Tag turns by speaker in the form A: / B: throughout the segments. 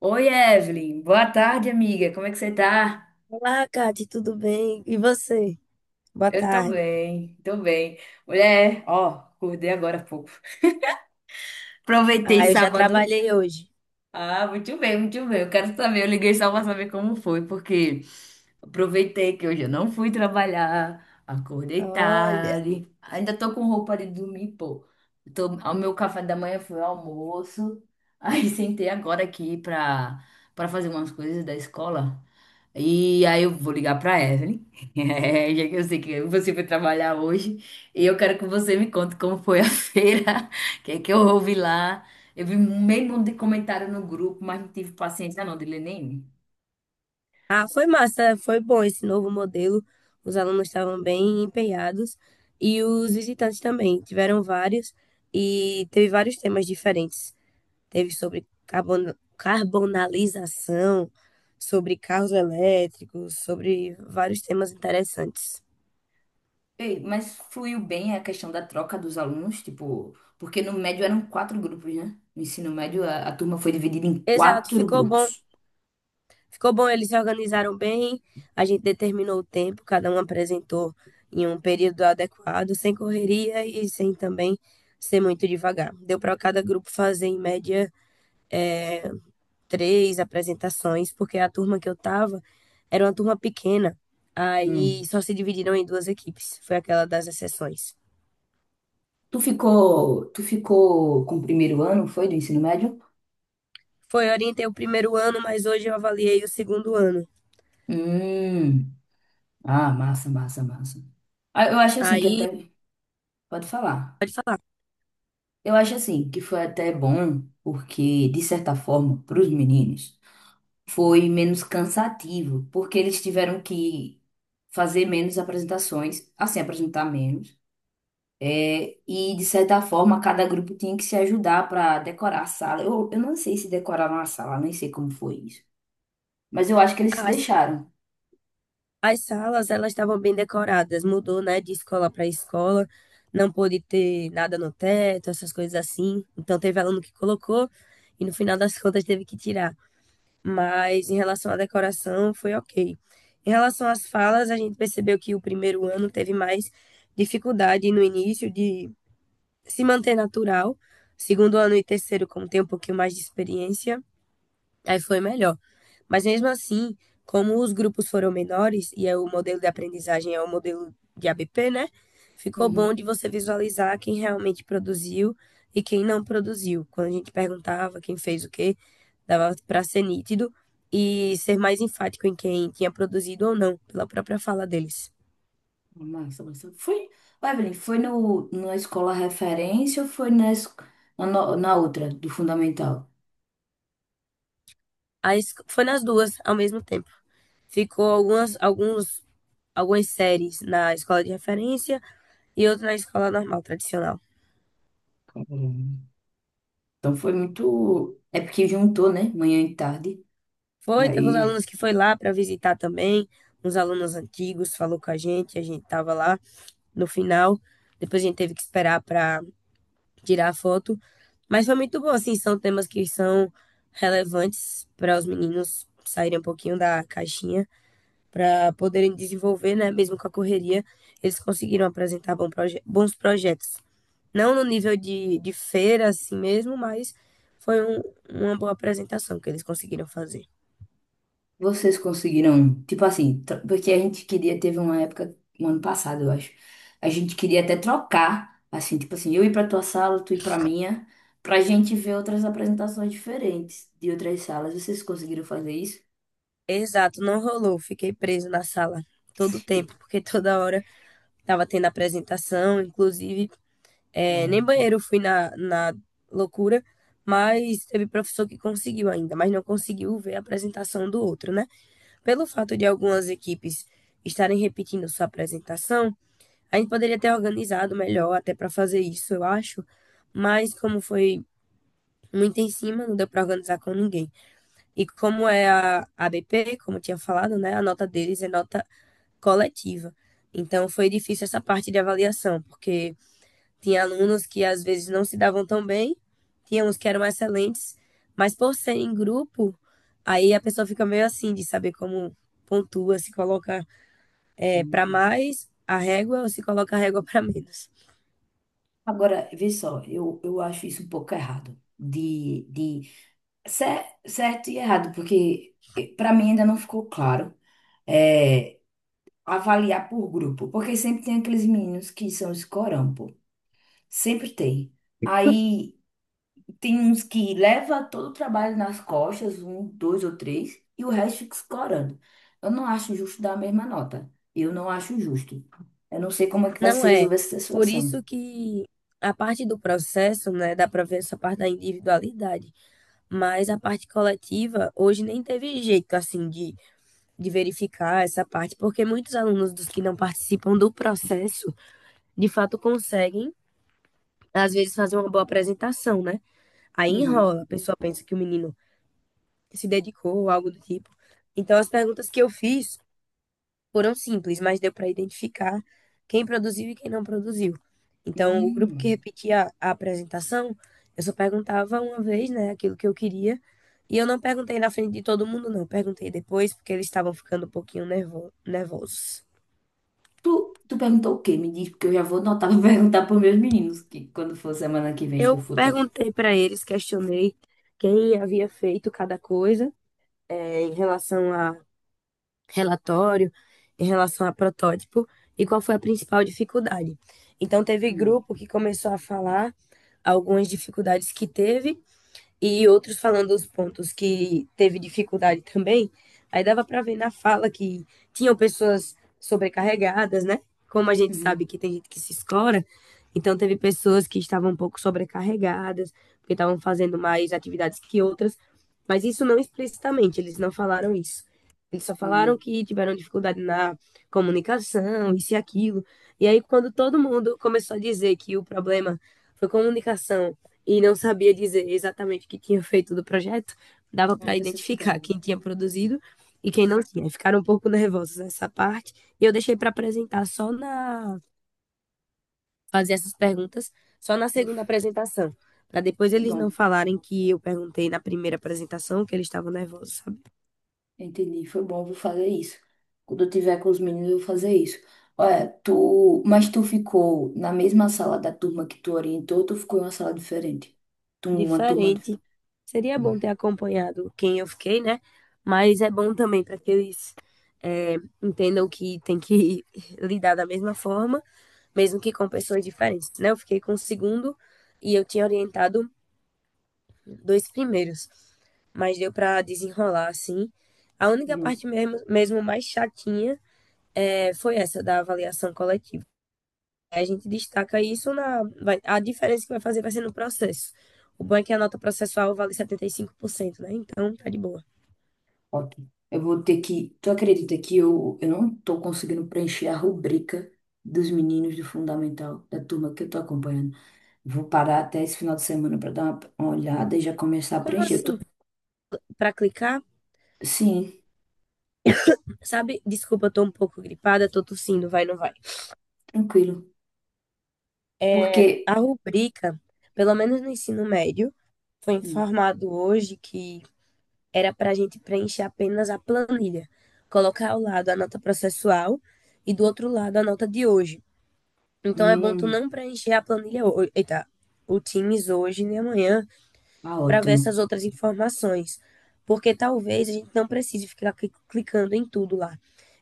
A: Oi, Evelyn. Boa tarde, amiga. Como é que você tá?
B: Olá, Kate, tudo bem? E você? Boa
A: Eu tô
B: tarde.
A: bem, tô bem. Mulher, ó, acordei agora há pouco. Aproveitei
B: Ah, eu já
A: sábado.
B: trabalhei hoje.
A: Ah, muito bem, muito bem. Eu quero saber, eu liguei só pra saber como foi, porque aproveitei que hoje eu não fui trabalhar, acordei
B: Olha.
A: tarde, ainda tô com roupa de dormir, pô. Tô, o meu café da manhã foi o almoço, aí sentei agora aqui pra fazer umas coisas da escola. E aí eu vou ligar pra Evelyn, já que eu sei que você foi trabalhar hoje, e eu quero que você me conte como foi a feira, o que é que eu ouvi lá. Eu vi meio mundo de comentário no grupo, mas não tive paciência não de ler nenhum.
B: Ah, foi massa, foi bom esse novo modelo. Os alunos estavam bem empenhados e os visitantes também. Tiveram vários e teve vários temas diferentes. Teve sobre carbonalização, sobre carros elétricos, sobre vários temas interessantes.
A: Ei, mas fluiu bem a questão da troca dos alunos, tipo, porque no médio eram quatro grupos, né? No ensino médio a turma foi dividida em
B: Exato,
A: quatro
B: ficou bom.
A: grupos.
B: Ficou bom, eles se organizaram bem, a gente determinou o tempo, cada um apresentou em um período adequado, sem correria e sem também ser muito devagar. Deu para cada grupo fazer, em média, três apresentações, porque a turma que eu tava era uma turma pequena,
A: Hum.
B: aí só se dividiram em duas equipes, foi aquela das exceções.
A: Tu ficou com o primeiro ano, foi, do ensino médio?
B: Foi, eu orientei o primeiro ano, mas hoje eu avaliei o segundo ano.
A: Hum. Ah, massa, massa, massa. Ah, eu acho assim que
B: Aí,
A: até. Pode falar.
B: pode falar.
A: Eu acho assim que foi até bom, porque, de certa forma, para os meninos, foi menos cansativo, porque eles tiveram que fazer menos apresentações, assim, apresentar menos. É, e, de certa forma, cada grupo tinha que se ajudar para decorar a sala. Eu não sei se decoraram a sala, nem sei como foi isso. Mas eu acho que eles se
B: Ah,
A: deixaram.
B: as salas, elas estavam bem decoradas. Mudou, né, de escola para escola. Não pôde ter nada no teto, essas coisas assim. Então teve aluno que colocou e no final das contas teve que tirar. Mas em relação à decoração, foi ok. Em relação às falas, a gente percebeu que o primeiro ano teve mais dificuldade no início de se manter natural. Segundo ano e terceiro, como tem um pouquinho mais de experiência, aí foi melhor. Mas mesmo assim, como os grupos foram menores e é o modelo de aprendizagem é o modelo de ABP, né? Ficou bom de você visualizar quem realmente produziu e quem não produziu. Quando a gente perguntava quem fez o quê, dava para ser nítido e ser mais enfático em quem tinha produzido ou não, pela própria fala deles.
A: Massa, massa. Foi, ô, Evelyn, foi no, na escola referência ou foi na, no- na outra, do fundamental?
B: Aí foi nas duas ao mesmo tempo. Ficou algumas séries na escola de referência e outra na escola normal, tradicional.
A: Caramba. Então foi muito. É porque juntou, né? Manhã e tarde.
B: Foi, teve uns
A: Aí
B: alunos que foi lá para visitar também, uns alunos antigos, falou com a gente tava lá no final. Depois a gente teve que esperar para tirar a foto, mas foi muito bom, assim, são temas que são relevantes para os meninos saírem um pouquinho da caixinha, para poderem desenvolver, né, mesmo com a correria, eles conseguiram apresentar bons projetos. Não no nível de feira assim mesmo, mas foi um- uma boa apresentação que eles conseguiram fazer.
A: vocês conseguiram. Tipo assim, porque a gente queria, teve uma época, um ano passado, eu acho. A gente queria até trocar. Assim, tipo assim, eu ir pra tua sala, tu ir pra minha, pra gente ver outras apresentações diferentes de outras salas. Vocês conseguiram fazer isso?
B: Exato, não rolou. Fiquei preso na sala todo o tempo, porque toda hora tava tendo apresentação, inclusive,
A: É.
B: nem banheiro eu fui na loucura, mas teve professor que conseguiu ainda, mas não conseguiu ver a apresentação do outro, né? Pelo fato de algumas equipes estarem repetindo sua apresentação, a gente poderia ter organizado melhor até para fazer isso, eu acho, mas como foi muito em cima, não deu para organizar com ninguém. E como é a ABP, como eu tinha falado, né? A nota deles é nota coletiva. Então foi difícil essa parte de avaliação, porque tinha alunos que às vezes não se davam tão bem, tinha uns que eram excelentes, mas por ser em grupo, aí a pessoa fica meio assim de saber como pontua, se coloca para mais a régua ou se coloca a régua para menos.
A: Agora, vê só, eu acho isso um pouco errado, certo e errado, porque para mim ainda não ficou claro é, avaliar por grupo, porque sempre tem aqueles meninos que são escorão, pô, sempre tem. Aí tem uns que leva todo o trabalho nas costas, um, dois ou três, e o resto fica escorando. Eu não acho justo dar a mesma nota, eu não acho justo. Eu não sei como é que vai
B: Não
A: se
B: é.
A: resolver essa
B: Por
A: situação.
B: isso que a parte do processo, né, dá para ver essa parte da individualidade, mas a parte coletiva hoje nem teve jeito assim de verificar essa parte, porque muitos alunos dos que não participam do processo, de fato conseguem, às vezes, fazer uma boa apresentação, né? Aí
A: Uhum.
B: enrola, a pessoa pensa que o menino se dedicou ou algo do tipo. Então, as perguntas que eu fiz foram simples, mas deu para identificar quem produziu e quem não produziu. Então, o grupo que
A: Hum.
B: repetia a apresentação, eu só perguntava uma vez, né, aquilo que eu queria. E eu não perguntei na frente de todo mundo, não. Perguntei depois, porque eles estavam ficando um pouquinho nervosos.
A: Tu, tu perguntou o quê? Me diz, porque eu já vou anotar pra perguntar pros meus meninos que quando for semana que vem que eu
B: Eu
A: for trabalhar.
B: perguntei para eles, questionei quem havia feito cada coisa, em relação a relatório, em relação a protótipo e qual foi a principal dificuldade. Então, teve
A: Hum,
B: grupo que começou a falar algumas dificuldades que teve e outros falando os pontos que teve dificuldade também. Aí dava para ver na fala que tinham pessoas sobrecarregadas, né? Como a gente sabe
A: uhum,
B: que tem gente que se escora, então teve pessoas que estavam um pouco sobrecarregadas, porque estavam fazendo mais atividades que outras, mas isso não explicitamente, eles não falaram isso. Eles só falaram
A: hum.
B: que tiveram dificuldade na comunicação, isso e aquilo. E aí, quando todo mundo começou a dizer que o problema foi comunicação e não sabia dizer exatamente o que tinha feito do projeto, dava
A: Aí
B: para
A: você
B: identificar
A: pegava.
B: quem tinha produzido e quem não tinha. Ficaram um pouco nervosos nessa parte e eu deixei para apresentar só na fazer essas perguntas só na segunda
A: No-
B: apresentação, para depois
A: Foi
B: eles não
A: bom,
B: falarem que eu perguntei na primeira apresentação que eles estavam nervosos, sabe?
A: entendi. Foi bom, eu vou fazer isso. Quando eu tiver com os meninos, eu vou fazer isso. Olha, tu, mas tu ficou na mesma sala da turma que tu orientou, ou tu ficou em uma sala diferente? Tu, uma turma. Dif-
B: Diferente. Seria bom ter acompanhado quem eu fiquei, né? Mas é bom também para que eles é, entendam que tem que lidar da mesma forma mesmo que com pessoas diferentes, né? Eu fiquei com o segundo e eu tinha orientado dois primeiros, mas deu para desenrolar assim. A única
A: Uhum.
B: parte mesmo, mesmo mais chatinha foi essa da avaliação coletiva. A gente destaca isso na. A diferença que vai fazer vai ser no processo. O bom é que a nota processual vale 75%, né? Então tá de boa.
A: Ótimo. Eu vou ter que. Tu acredita que eu não tô conseguindo preencher a rubrica dos meninos do Fundamental, da turma que eu tô acompanhando? Vou parar até esse final de semana para dar uma olhada e já começar a
B: Como
A: preencher. Eu tô-
B: assim? Pra clicar?
A: Sim,
B: Sabe? Desculpa, eu tô um pouco gripada, tô tossindo, vai, não vai.
A: tranquilo. Porque.
B: A rubrica, pelo menos no ensino médio, foi informado hoje que era para a gente preencher apenas a planilha, colocar ao lado a nota processual e do outro lado a nota de hoje. Então é bom tu
A: Hum,
B: não preencher a planilha hoje, eita, o Teams hoje nem amanhã
A: ah,
B: para ver
A: ótimo.
B: essas outras informações, porque talvez a gente não precise ficar clicando em tudo lá.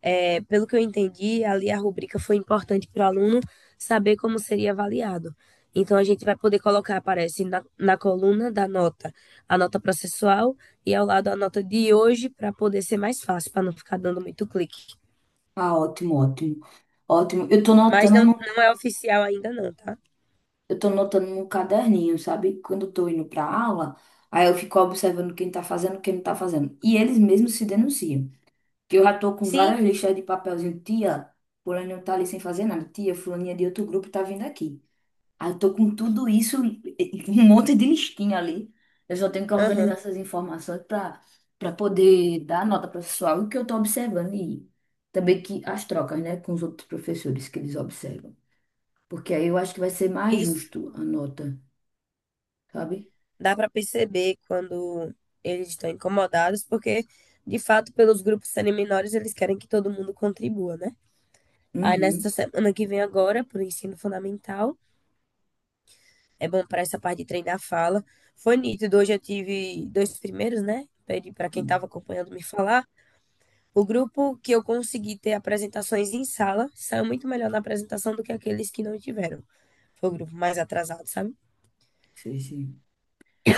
B: É, pelo que eu entendi, ali a rubrica foi importante para o aluno saber como seria avaliado. Então, a gente vai poder colocar, aparece na coluna da nota, a nota processual e ao lado a nota de hoje, para poder ser mais fácil, para não ficar dando muito clique.
A: Ah, ótimo, ótimo. Ótimo. Eu tô
B: Mas
A: notando, no-
B: não é oficial ainda, não, tá?
A: eu tô notando no caderninho, sabe? Quando eu tô indo pra aula, aí eu fico observando quem tá fazendo, quem não tá fazendo. E eles mesmos se denunciam. Que eu já tô com
B: Sim,
A: várias listas de papelzinho. Tia, fulano tá ali sem fazer nada. Tia, fulaninha de outro grupo tá vindo aqui. Aí eu tô com tudo isso, e um monte de listinha ali. Eu só tenho que organizar
B: aham,
A: essas informações para poder dar nota para o pessoal o que eu tô observando e também que as trocas, né, com os outros professores que eles observam. Porque aí eu acho que vai ser mais
B: isso.
A: justo a nota, sabe?
B: Dá para perceber quando eles estão incomodados, porque, de fato, pelos grupos serem menores, eles querem que todo mundo contribua, né? Aí
A: Uhum.
B: nessa semana que vem agora, para o ensino fundamental, é bom para essa parte de treinar a fala. Foi nítido, hoje eu tive dois primeiros, né? Pedi para quem estava
A: Hum,
B: acompanhando me falar. O grupo que eu consegui ter apresentações em sala saiu muito melhor na apresentação do que aqueles que não tiveram. Foi o grupo mais atrasado, sabe?
A: sei, sim.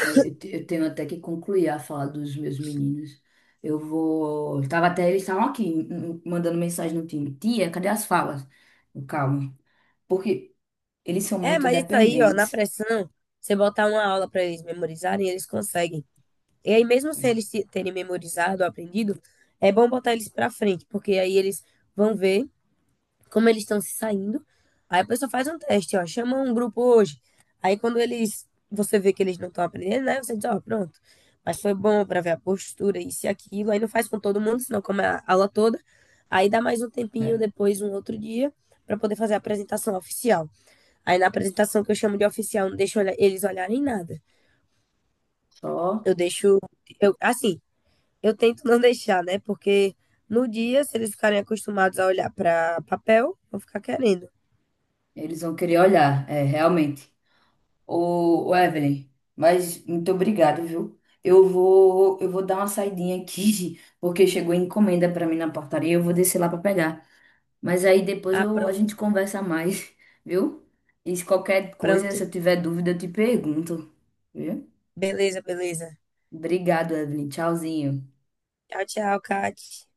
A: É, eu tenho até que concluir a fala dos meus meninos. Eu vou. Tava até, eles estavam aqui mandando mensagem no time. Tia, cadê as falas? Eu, calma. Porque eles são
B: É,
A: muito
B: mas isso aí, ó, na
A: dependentes.
B: pressão, você botar uma aula para eles memorizarem, eles conseguem. E aí, mesmo sem eles terem memorizado, aprendido, é bom botar eles para frente, porque aí eles vão ver como eles estão se saindo. Aí a pessoa faz um teste, ó, chama um grupo hoje. Aí quando eles, você vê que eles não estão aprendendo, né? Você diz, ó, pronto. Mas foi bom para ver a postura, isso e aquilo. Aí não faz com todo mundo, senão come a aula toda. Aí dá mais um tempinho
A: Né?
B: depois, um outro dia, para poder fazer a apresentação oficial. Aí na apresentação que eu chamo de oficial, não deixo eles olharem nada.
A: Só
B: Eu deixo, eu, assim, eu tento não deixar, né? Porque no dia, se eles ficarem acostumados a olhar para papel, vão ficar querendo.
A: eles vão querer olhar, é, realmente. Ô, Evelyn, mas muito obrigado, viu? Eu vou dar uma saidinha aqui, porque chegou encomenda para mim na portaria, eu vou descer lá para pegar. Mas aí depois
B: Ah,
A: eu, a
B: pronto.
A: gente conversa mais, viu? E se qualquer coisa,
B: Pronto.
A: se eu tiver dúvida, eu te pergunto, viu?
B: Beleza, beleza.
A: Obrigado, Evelyn. Tchauzinho.
B: Tchau, tchau, Kat.